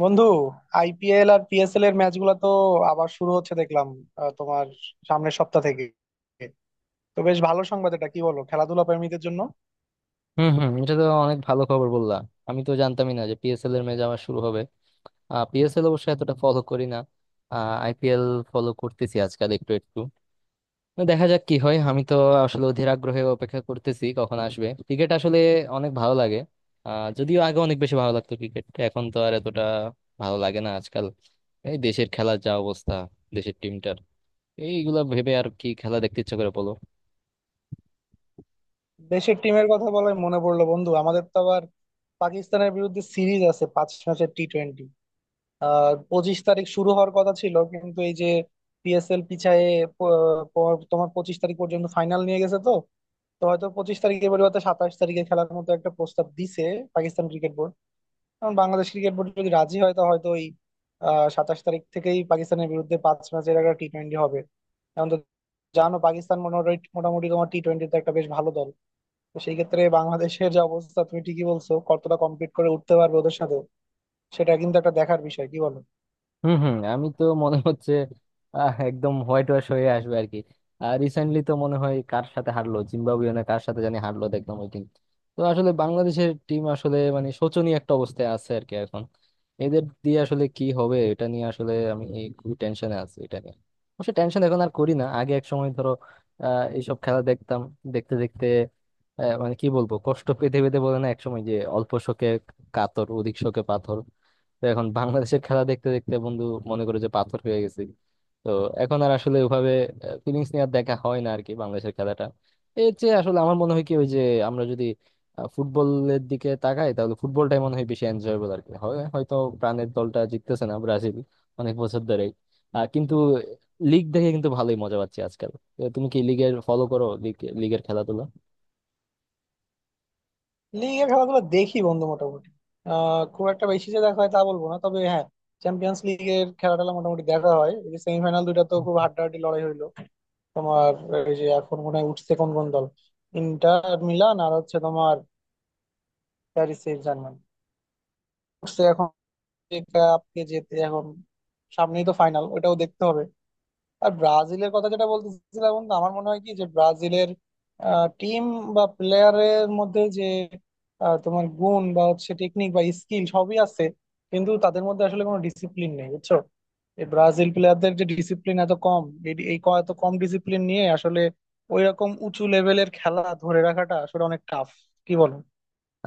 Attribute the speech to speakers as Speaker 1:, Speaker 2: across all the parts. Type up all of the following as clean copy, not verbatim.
Speaker 1: বন্ধু, আইপিএল আর পিএসএল এর ম্যাচগুলো তো আবার শুরু হচ্ছে দেখলাম। তোমার সামনের সপ্তাহ থেকে তো বেশ ভালো সংবাদ এটা, কি বলো, খেলাধুলা প্রেমীদের জন্য।
Speaker 2: হম হম, এটা তো অনেক ভালো খবর বললা। আমি তো জানতামই না যে পিএসএল এর ম্যাচ আবার শুরু হবে। পিএসএল অবশ্য এতটা ফলো করি না। আইপিএল ফলো করতেছি আজকাল একটু একটু। তো দেখা যাক কি হয়। আমি তো আসলে অধীর আগ্রহে অপেক্ষা করতেছি কখন আসবে ক্রিকেট। আসলে অনেক ভালো লাগে। যদিও আগে অনেক বেশি ভালো লাগতো ক্রিকেট, এখন তো আর এতটা ভালো লাগে না আজকাল। এই দেশের খেলার যা অবস্থা, দেশের টিমটার, এইগুলা ভেবে আর কি খেলা দেখতে ইচ্ছা করে বলো?
Speaker 1: দেশের টিমের কথা বলে মনে পড়লো বন্ধু, আমাদের তো আবার পাকিস্তানের বিরুদ্ধে সিরিজ আছে 5 ম্যাচের টি টোয়েন্টি। 25 তারিখ শুরু হওয়ার কথা ছিল, কিন্তু এই যে পিএসএল পিছায়ে প- তোমার 25 তারিখ পর্যন্ত ফাইনাল নিয়ে গেছে তো। তো হয়তো 25 তারিখের পরিবর্তে 27 তারিখে খেলার মতো একটা প্রস্তাব দিছে পাকিস্তান ক্রিকেট বোর্ড, কারণ বাংলাদেশ ক্রিকেট বোর্ড যদি রাজি হয় তো হয়তো ওই 27 তারিখ থেকেই পাকিস্তানের বিরুদ্ধে 5 ম্যাচের একটা টি টোয়েন্টি হবে। এখন তো জানো, পাকিস্তান মোটামুটি মোটামুটি তোমার টি টোয়েন্টিতে একটা বেশ ভালো দল। তো সেই ক্ষেত্রে বাংলাদেশের যে অবস্থা, তুমি ঠিকই বলছো, কতটা কমপ্লিট করে উঠতে পারবে ওদের সাথে, সেটা কিন্তু একটা দেখার বিষয়, কি বলো।
Speaker 2: হুম হুম, আমি তো মনে হচ্ছে একদম হোয়াইট ওয়াশ হয়ে আসবে আর কি। আর রিসেন্টলি তো মনে হয় কার সাথে হারলো, জিম্বাবুয়ে না কার সাথে জানি হারলো দেখলাম ওই টিম। তো আসলে বাংলাদেশের টিম আসলে মানে শোচনীয় একটা অবস্থায় আছে আর কি এখন। এদের দিয়ে আসলে কি হবে, এটা নিয়ে আসলে আমি খুবই টেনশনে আছি এটা নিয়ে। অবশ্য টেনশন এখন আর করি না, আগে এক সময় ধরো এইসব খেলা দেখতাম। দেখতে দেখতে মানে কি বলবো, কষ্ট পেতে পেতে বলে না একসময় যে অল্প শোকে কাতর অধিক শোকে পাথর। তো এখন বাংলাদেশের খেলা দেখতে দেখতে বন্ধু মনে করে যে পাথর হয়ে গেছি। তো এখন আর আসলে ওভাবে ফিলিংস নিয়ে আর দেখা হয় না আর কি বাংলাদেশের খেলাটা। এর চেয়ে আসলে আমার মনে হয় কি, ওই যে আমরা যদি ফুটবলের দিকে তাকাই তাহলে ফুটবলটাই মনে হয় বেশি এনজয়েবল আর কি। হয় হয়তো প্রাণের দলটা জিততেছে না, ব্রাজিল অনেক বছর ধরেই, কিন্তু লিগ দেখে কিন্তু ভালোই মজা পাচ্ছি আজকাল। তো তুমি কি লিগের ফলো করো, লিগ, লিগের খেলাধুলা?
Speaker 1: লিগে খেলাধুলা দেখি বন্ধু মোটামুটি। খুব একটা বেশি যে দেখা হয় তা বলবো না, তবে হ্যাঁ, চ্যাম্পিয়ন্স লিগের খেলাটা মোটামুটি দেখা হয়। সেমিফাইনাল দুইটা তো খুব হাড্ডাহাড্ডি লড়াই হইলো তোমার। এই যে এখন মনে হয় উঠছে কোন কোন দল, ইন্টার মিলান আর হচ্ছে তোমার প্যারিস সেন্ট জার্মান উঠছে এখন, যে cup কে যেতে এখন। সামনেই তো ফাইনাল, ওটাও দেখতে হবে। আর ব্রাজিলের কথা যেটা বলতেছিলাম বন্ধু, আমার মনে হয় কি যে ব্রাজিলের টিম বা প্লেয়ারের মধ্যে যে তোমার গুণ বা হচ্ছে টেকনিক বা স্কিল সবই আছে, কিন্তু তাদের মধ্যে আসলে কোনো ডিসিপ্লিন নেই, বুঝছো। এই ব্রাজিল প্লেয়ারদের যে ডিসিপ্লিন এত কম, এই এই ক- এত কম ডিসিপ্লিন নিয়ে আসলে ওই রকম উঁচু লেভেলের খেলা ধরে রাখাটা আসলে অনেক টাফ, কি বলো।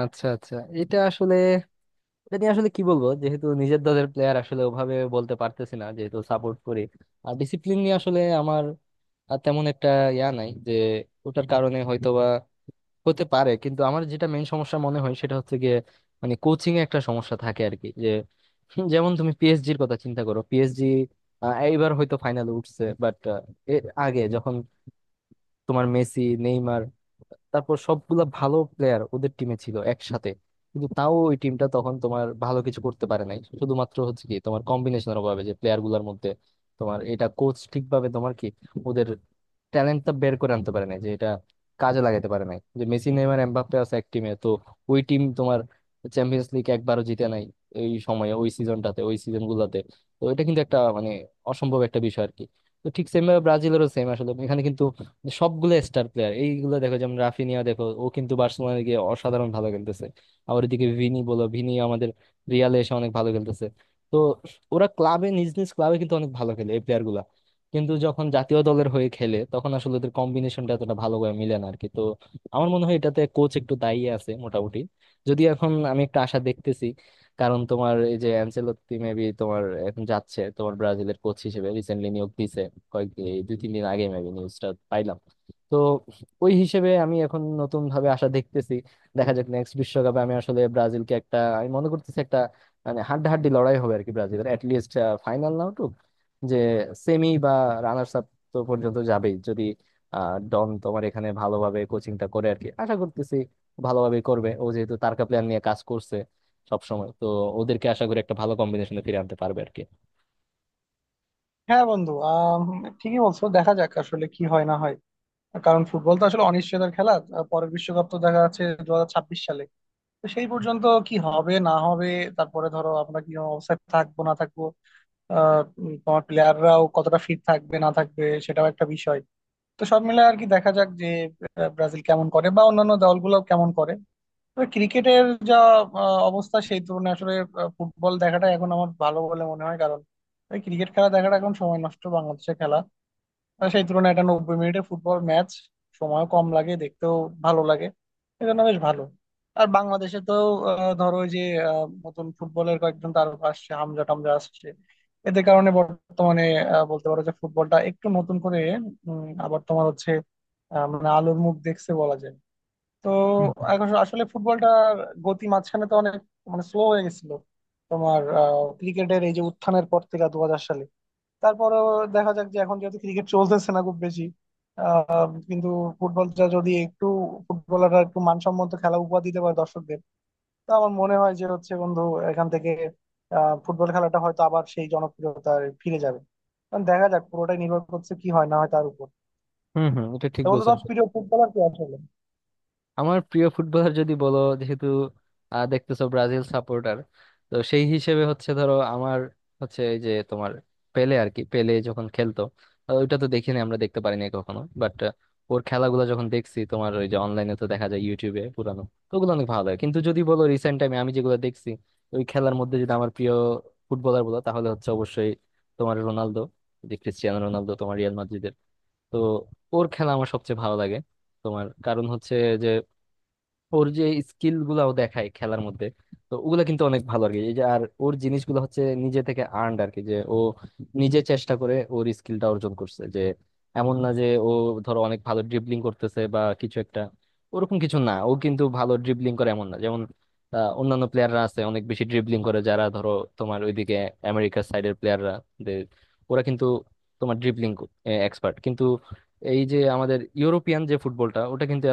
Speaker 2: আচ্ছা আচ্ছা। এটা আসলে, এটা নিয়ে আসলে কি বলবো, যেহেতু নিজের দলের প্লেয়ার আসলে ওভাবে বলতে পারতেছি না, যেহেতু সাপোর্ট করি। আর ডিসিপ্লিন নিয়ে আসলে আমার আর তেমন একটা ইয়া নাই, যে ওটার কারণে হয়তোবা হতে পারে। কিন্তু আমার যেটা মেইন সমস্যা মনে হয় সেটা হচ্ছে গিয়ে, মানে কোচিং এ একটা সমস্যা থাকে আর কি, যে হুম, যেমন তুমি পিএসজির কথা চিন্তা করো, পিএসজি এইবার হয়তো ফাইনালে উঠছে বাট এর আগে যখন তোমার মেসি নেইমার, তারপর সবগুলা ভালো প্লেয়ার ওদের টিমে ছিল একসাথে, কিন্তু তাও ওই টিমটা তখন তোমার ভালো কিছু করতে পারে নাই। শুধুমাত্র হচ্ছে কি তোমার কম্বিনেশনের অভাবে, যে প্লেয়ার গুলার মধ্যে তোমার এটা কোচ ঠিকভাবে তোমার কি ওদের ট্যালেন্টটা বের করে আনতে পারে নাই, যে এটা কাজে লাগাতে পারে নাই যে মেসি নেইমার এমবাপ্পে আছে এক টিমে। তো ওই টিম তোমার চ্যাম্পিয়ন্স লিগ একবারও জিতে নাই এই সময়ে, ওই সিজনটাতে, ওই সিজন গুলাতে। তো এটা কিন্তু একটা মানে অসম্ভব একটা বিষয় আর কি। তো ঠিক সেম ভাবে ব্রাজিলেরও সেম আসলে এখানে, কিন্তু যে সবগুলো স্টার প্লেয়ার এইগুলো দেখো, যেমন রাফিনিয়া দেখো, ও কিন্তু বার্সেলোনায় গিয়ে অসাধারণ ভালো খেলতেছে। আবার এদিকে ভিনি বলো, ভিনি আমাদের রিয়ালে এসে অনেক ভালো খেলতেছে। তো ওরা ক্লাবে, নিজ নিজ ক্লাবে কিন্তু অনেক ভালো খেলে এই প্লেয়ার গুলা, কিন্তু যখন জাতীয় দলের হয়ে খেলে তখন আসলে ওদের কম্বিনেশনটা এতটা ভালো করে মিলে না আর কি। তো আমার মনে হয় এটাতে কোচ একটু দায়ী আছে মোটামুটি। যদি এখন আমি একটা আশা দেখতেছি, কারণ তোমার এই যে অ্যানচেলত্তি মেবি তোমার এখন যাচ্ছে তোমার ব্রাজিলের কোচ হিসেবে, রিসেন্টলি নিয়োগ দিয়েছে কয়েক, এই দুই তিন দিন আগে মেবি নিউজটা পাইলাম। তো ওই হিসেবে আমি এখন নতুন ভাবে আশা দেখতেছি। দেখা যাক নেক্সট বিশ্বকাপে, আমি আসলে ব্রাজিলকে একটা, আমি মনে করতেছি একটা মানে হাড্ডাহাড্ডি লড়াই হবে আর কি। ব্রাজিলের অ্যাটলিস্ট ফাইনাল না উঠুক, যে সেমি বা রানার্স আপ তো পর্যন্ত যাবেই, যদি ডন তোমার এখানে ভালোভাবে কোচিংটা করে আর কি। আশা করতেছি ভালোভাবে করবে, ও যেহেতু তারকা প্লেয়ার নিয়ে কাজ করছে সবসময় তো, ওদেরকে আশা করি একটা ভালো কম্বিনেশনে ফিরে আনতে পারবে আর কি।
Speaker 1: হ্যাঁ বন্ধু, ঠিকই বলছো, দেখা যাক আসলে কি হয় না হয়, কারণ ফুটবল তো আসলে অনিশ্চয়তার খেলা। পরের বিশ্বকাপ তো দেখা যাচ্ছে 2026 সালে। তো সেই পর্যন্ত কি হবে না হবে, তারপরে ধরো আমরা কি অবস্থায় থাকবো না থাকবো, তোমার প্লেয়াররাও কতটা ফিট থাকবে না থাকবে সেটাও একটা বিষয়। তো সব মিলে আর কি দেখা যাক যে ব্রাজিল কেমন করে বা অন্যান্য দলগুলো কেমন করে। তবে ক্রিকেটের যা অবস্থা, সেই তুলনায় আসলে ফুটবল দেখাটা এখন আমার ভালো বলে মনে হয়, কারণ ক্রিকেট খেলা দেখাটা এখন সময় নষ্ট, বাংলাদেশের খেলা। আর সেই তুলনায় এটা 90 মিনিটের ফুটবল ম্যাচ, সময়ও কম লাগে, দেখতেও ভালো লাগে, এজন্য বেশ ভালো। আর বাংলাদেশে তো ধরো ওই যে নতুন ফুটবলের কয়েকজন তারকা আসছে, হামজা টামজা আসছে, এদের কারণে বর্তমানে বলতে পারো যে ফুটবলটা একটু নতুন করে আবার তোমার হচ্ছে মানে আলোর মুখ দেখছে বলা যায়। তো এখন আসলে ফুটবলটার গতি মাঝখানে তো অনেক মানে স্লো হয়ে গেছিল তোমার, ক্রিকেটের এই যে উত্থানের পর থেকে 2000 সালে। তারপরে দেখা যাক যে এখন যেহেতু ক্রিকেট চলতেছে না খুব বেশি, কিন্তু ফুটবলটা যদি একটু, ফুটবলাররা একটু মানসম্মত খেলা উপহার দিতে পারে দর্শকদের, তো আমার মনে হয় যে হচ্ছে বন্ধু, এখান থেকে ফুটবল খেলাটা হয়তো আবার সেই জনপ্রিয়তায় ফিরে যাবে। কারণ দেখা যাক, পুরোটাই নির্ভর করছে কি হয় না হয় তার উপর।
Speaker 2: হম হম, এটা ঠিক
Speaker 1: তো বন্ধু, তোমার
Speaker 2: বলছো।
Speaker 1: প্রিয় ফুটবলার কে আসলে?
Speaker 2: আমার প্রিয় ফুটবলার যদি বলো, যেহেতু দেখতেছো ব্রাজিল সাপোর্টার, তো সেই হিসেবে হচ্ছে ধরো আমার হচ্ছে এই যে তোমার পেলে আর কি। পেলে যখন খেলতো ওইটা তো দেখিনি, আমরা দেখতে পারিনি কখনো, বাট ওর খেলাগুলো যখন দেখছি তোমার, ওই যে অনলাইনে তো দেখা যায় ইউটিউবে পুরানো, তো ওগুলো অনেক ভালো লাগে। কিন্তু যদি বলো রিসেন্ট টাইমে আমি যেগুলো দেখছি ওই খেলার মধ্যে, যদি আমার প্রিয় ফুটবলার বলো তাহলে হচ্ছে অবশ্যই তোমার রোনালদো, যে ক্রিস্টিয়ানো রোনালদো তোমার রিয়াল মাদ্রিদের। তো ওর খেলা আমার সবচেয়ে ভালো লাগে। তোমার কারণ হচ্ছে যে ওর যে স্কিল গুলাও দেখায় খেলার মধ্যে, তো ওগুলা কিন্তু অনেক ভালো আর কি। এই যে আর ওর জিনিসগুলো হচ্ছে নিজে থেকে আর্নড আর কি, যে ও নিজে চেষ্টা করে ওর স্কিলটা অর্জন করছে, যে এমন না যে ও ধরো অনেক ভালো ড্রিবলিং করতেছে বা কিছু একটা, ওরকম কিছু না। ও কিন্তু ভালো ড্রিবলিং করে এমন না, যেমন অন্যান্য প্লেয়াররা আছে অনেক বেশি ড্রিবলিং করে যারা ধরো তোমার ওইদিকে আমেরিকার সাইডের প্লেয়াররা, ওরা কিন্তু তোমার ড্রিবলিং এক্সপার্ট। কিন্তু এই যে আমাদের ইউরোপিয়ান যে ফুটবলটা, ওটা কিন্তু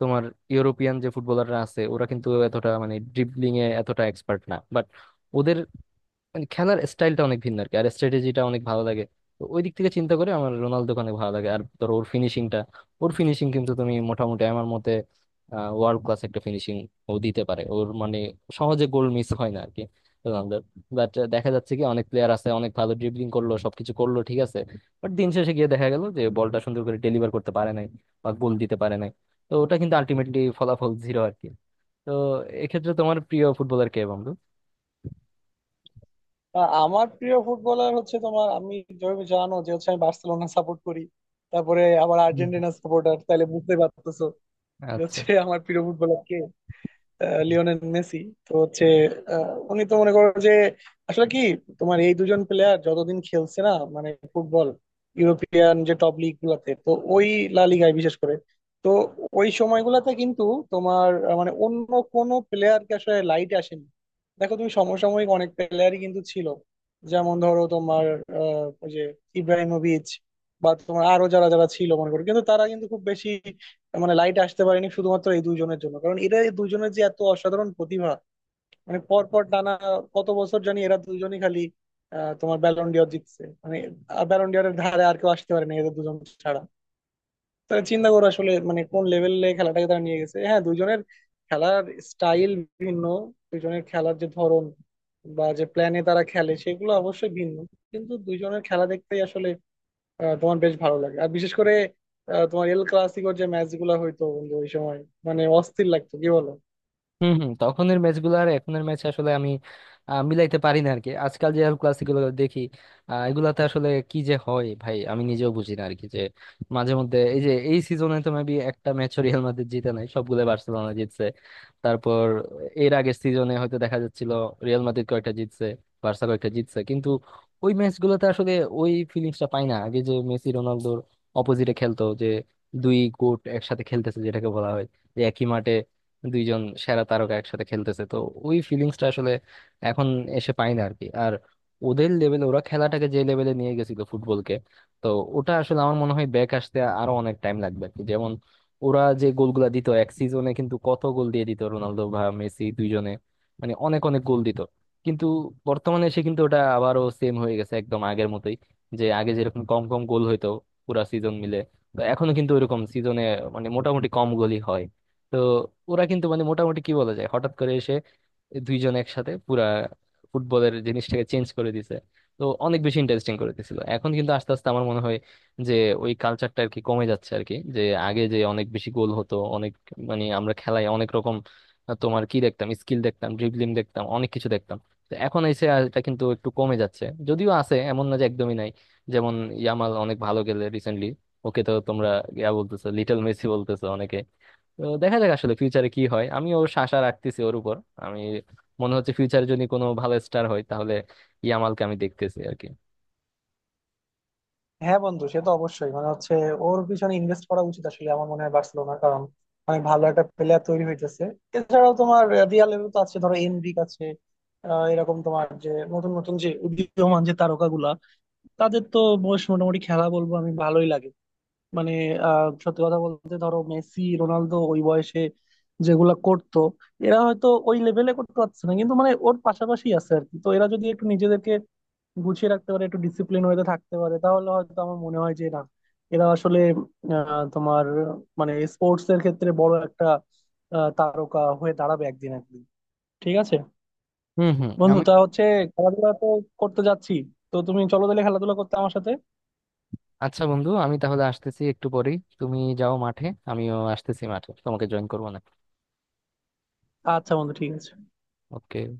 Speaker 2: তোমার ইউরোপিয়ান যে ফুটবলাররা আছে ওরা কিন্তু এতটা মানে ড্রিবলিং এ এতটা এক্সপার্ট না, বাট ওদের মানে খেলার স্টাইলটা অনেক ভিন্ন আর কি, আর স্ট্র্যাটেজিটা অনেক ভালো লাগে। তো ওই দিক থেকে চিন্তা করে আমার রোনালদোকে অনেক ভালো লাগে। আর ধরো ওর ফিনিশিংটা, ওর ফিনিশিং কিন্তু তুমি মোটামুটি আমার মতে ওয়ার্ল্ড ক্লাস একটা ফিনিশিং ও দিতে পারে। ওর মানে সহজে গোল মিস হয় না আর কি রোনালদোর। বাট দেখা যাচ্ছে কি অনেক প্লেয়ার আছে অনেক ভালো ড্রিবলিং করলো সবকিছু করলো ঠিক আছে, বাট দিন শেষে গিয়ে দেখা গেল যে বলটা সুন্দর করে ডেলিভার করতে পারে নাই বা গোল দিতে পারে নাই, তো ওটা কিন্তু আলটিমেটলি ফলাফল জিরো আর কি। তো এক্ষেত্রে তোমার প্রিয় ফুটবলার কে বন্ধু?
Speaker 1: আমার প্রিয় ফুটবলার হচ্ছে তোমার, আমি যেভাবে জানো যে হচ্ছে আমি বার্সেলোনা সাপোর্ট করি, তারপরে আবার
Speaker 2: হুম, হুম।
Speaker 1: আর্জেন্টিনা সাপোর্টার, তাহলে বুঝতে পারতেছো যে
Speaker 2: আচ্ছা।
Speaker 1: হচ্ছে আমার প্রিয় ফুটবলার কে। Lionel Messi. তো হচ্ছে উনি তো মনে করো যে আসলে কি, তোমার এই দুজন প্লেয়ার যতদিন খেলছে না মানে ফুটবল, ইউরোপিয়ান যে টপ লিগ গুলাতে, তো ওই লা লিগায় বিশেষ করে, তো ওই সময়গুলাতে কিন্তু তোমার মানে অন্য কোনো প্লেয়ারকে আসলে লাইট আসেনি। দেখো তুমি, সমসাময়িক অনেক প্লেয়ারই কিন্তু ছিল, যেমন ধরো তোমার আহ, ওই যে ইব্রাহিমোভিচ বা তোমার আরো যারা যারা ছিল মনে করো, কিন্তু তারা কিন্তু খুব বেশি মানে লাইট আসতে পারেনি শুধুমাত্র এই দুইজনের জন্য, কারণ এরা এই দুইজনের যে এত অসাধারণ প্রতিভা। মানে পর পর টানা কত বছর জানি এরা দুজনই খালি তোমার ব্যালন ডিওর জিতছে, মানে ব্যালন ডিওরের ধারে আর কেউ আসতে পারে না এদের দুজন ছাড়া। তাহলে চিন্তা করো আসলে মানে কোন লেভেলে খেলাটাকে তারা নিয়ে গেছে। হ্যাঁ, দুইজনের খেলার স্টাইল ভিন্ন, দুইজনের খেলার যে ধরন বা যে প্ল্যানে তারা খেলে সেগুলো অবশ্যই ভিন্ন, কিন্তু দুইজনের খেলা দেখতেই আসলে তোমার বেশ ভালো লাগে। আর বিশেষ করে তোমার এল ক্লাসিকোর যে ম্যাচ গুলা হইতো বন্ধু ওই সময়, মানে অস্থির লাগতো, কি বলো।
Speaker 2: হম হম, তখনের ম্যাচগুলো আর এখনের ম্যাচ আসলে আমি মিলাইতে পারি না আর কি। আজকাল যে ক্লাসিকগুলো দেখি এগুলাতে আসলে কি যে হয় ভাই, আমি নিজেও বুঝি না আর কি। যে মাঝে মধ্যে এই যে এই সিজনে তো মেবি একটা ম্যাচ রিয়াল মাদ্রিদ জিতে নাই, সবগুলো বার্সেলোনা জিতছে। তারপর এর আগের সিজনে হয়তো দেখা যাচ্ছিল রিয়াল মাদ্রিদ কয়েকটা জিতছে, বার্সা কয়েকটা জিতছে, কিন্তু ওই ম্যাচগুলোতে আসলে ওই ফিলিংসটা পাই না আগে যে মেসি রোনালদোর অপোজিটে খেলতো, যে দুই গোট একসাথে খেলতেছে যেটাকে বলা হয়, যে একই মাঠে দুইজন সেরা তারকা একসাথে খেলতেছে। তো ওই ফিলিংসটা আসলে এখন এসে পাই না আর কি। আর ওদের লেভেলে ওরা খেলাটাকে যে লেভেলে নিয়ে গেছিল ফুটবলকে, তো ওটা আসলে আমার মনে হয় ব্যাক আসতে আরো অনেক টাইম লাগবে আর কি। যেমন ওরা যে গোলগুলা দিত এক সিজনে, কিন্তু কত গোল দিয়ে দিত রোনালদো বা মেসি দুইজনে, মানে অনেক অনেক গোল দিত। কিন্তু বর্তমানে এসে কিন্তু ওটা আবারও সেম হয়ে গেছে একদম আগের মতোই, যে আগে যেরকম কম কম গোল হইতো পুরা সিজন মিলে, তো এখনো কিন্তু ওইরকম সিজনে মানে মোটামুটি কম গোলই হয়। তো ওরা কিন্তু মানে মোটামুটি কি বলা যায়, হঠাৎ করে এসে দুইজন একসাথে পুরা ফুটবলের জিনিসটাকে চেঞ্জ করে দিছে। তো অনেক বেশি ইন্টারেস্টিং করে দিছিল, এখন কিন্তু আস্তে আস্তে আমার মনে হয় যে ওই কালচারটা আর কি কমে যাচ্ছে আর কি। যে আগে যে অনেক বেশি গোল হতো, অনেক মানে আমরা খেলায় অনেক রকম তোমার কি দেখতাম, স্কিল দেখতাম, ড্রিবলিং দেখতাম, অনেক কিছু দেখতাম, তো এখন এসে আর এটা কিন্তু একটু কমে যাচ্ছে। যদিও আছে, এমন না যে একদমই নাই, যেমন ইয়ামাল অনেক ভালো গেলে রিসেন্টলি। ওকে তো তোমরা ইয়া বলতেছো, লিটল মেসি বলতেছো অনেকে। তো দেখা যাক আসলে ফিউচারে কি হয়, আমি ওর আশা রাখতেছি ওর উপর। আমি মনে হচ্ছে ফিউচারে যদি কোনো ভালো স্টার হয় তাহলে ইয়ামালকে আমি দেখতেছি আর কি।
Speaker 1: হ্যাঁ বন্ধু, সে তো অবশ্যই মানে হচ্ছে ওর পিছনে ইনভেস্ট করা উচিত আসলে, আমার মনে হয় বার্সেলোনার, কারণ অনেক ভালো একটা প্লেয়ার তৈরি হইতেছে। এছাড়াও তোমার রিয়াল লেভেল তো আছে, ধরো এনরিক আছে, এরকম তোমার যে নতুন নতুন যে উদীয়মান যে তারকাগুলা, তাদের তো বেশ মোটামুটি খেলা, বলবো আমি ভালোই লাগে। মানে আহ, সত্যি কথা বলতে ধরো মেসি রোনালদো ওই বয়সে যেগুলা করতো, এরা হয়তো ওই লেভেলে করতে পারছে না, কিন্তু মানে ওর পাশাপাশি আছে আর কি। তো এরা যদি একটু নিজেদেরকে গুছিয়ে রাখতে পারে, একটু ডিসিপ্লিন হয়ে থাকতে পারে, তাহলে হয়তো আমার মনে হয় যে না, এরা আসলে তোমার মানে স্পোর্টস এর ক্ষেত্রে বড় একটা তারকা হয়ে দাঁড়াবে একদিন একদিন। ঠিক আছে
Speaker 2: হুম হুম,
Speaker 1: বন্ধু।
Speaker 2: আমি।
Speaker 1: তা হচ্ছে খেলাধুলা তো করতে যাচ্ছি, তো তুমি চলো তাহলে খেলাধুলা করতে আমার সাথে।
Speaker 2: আচ্ছা বন্ধু, আমি তাহলে আসতেছি একটু পরেই, তুমি যাও মাঠে। আমিও আসতেছি মাঠে, তোমাকে জয়েন করবো না?
Speaker 1: আচ্ছা বন্ধু, ঠিক আছে।
Speaker 2: ওকে।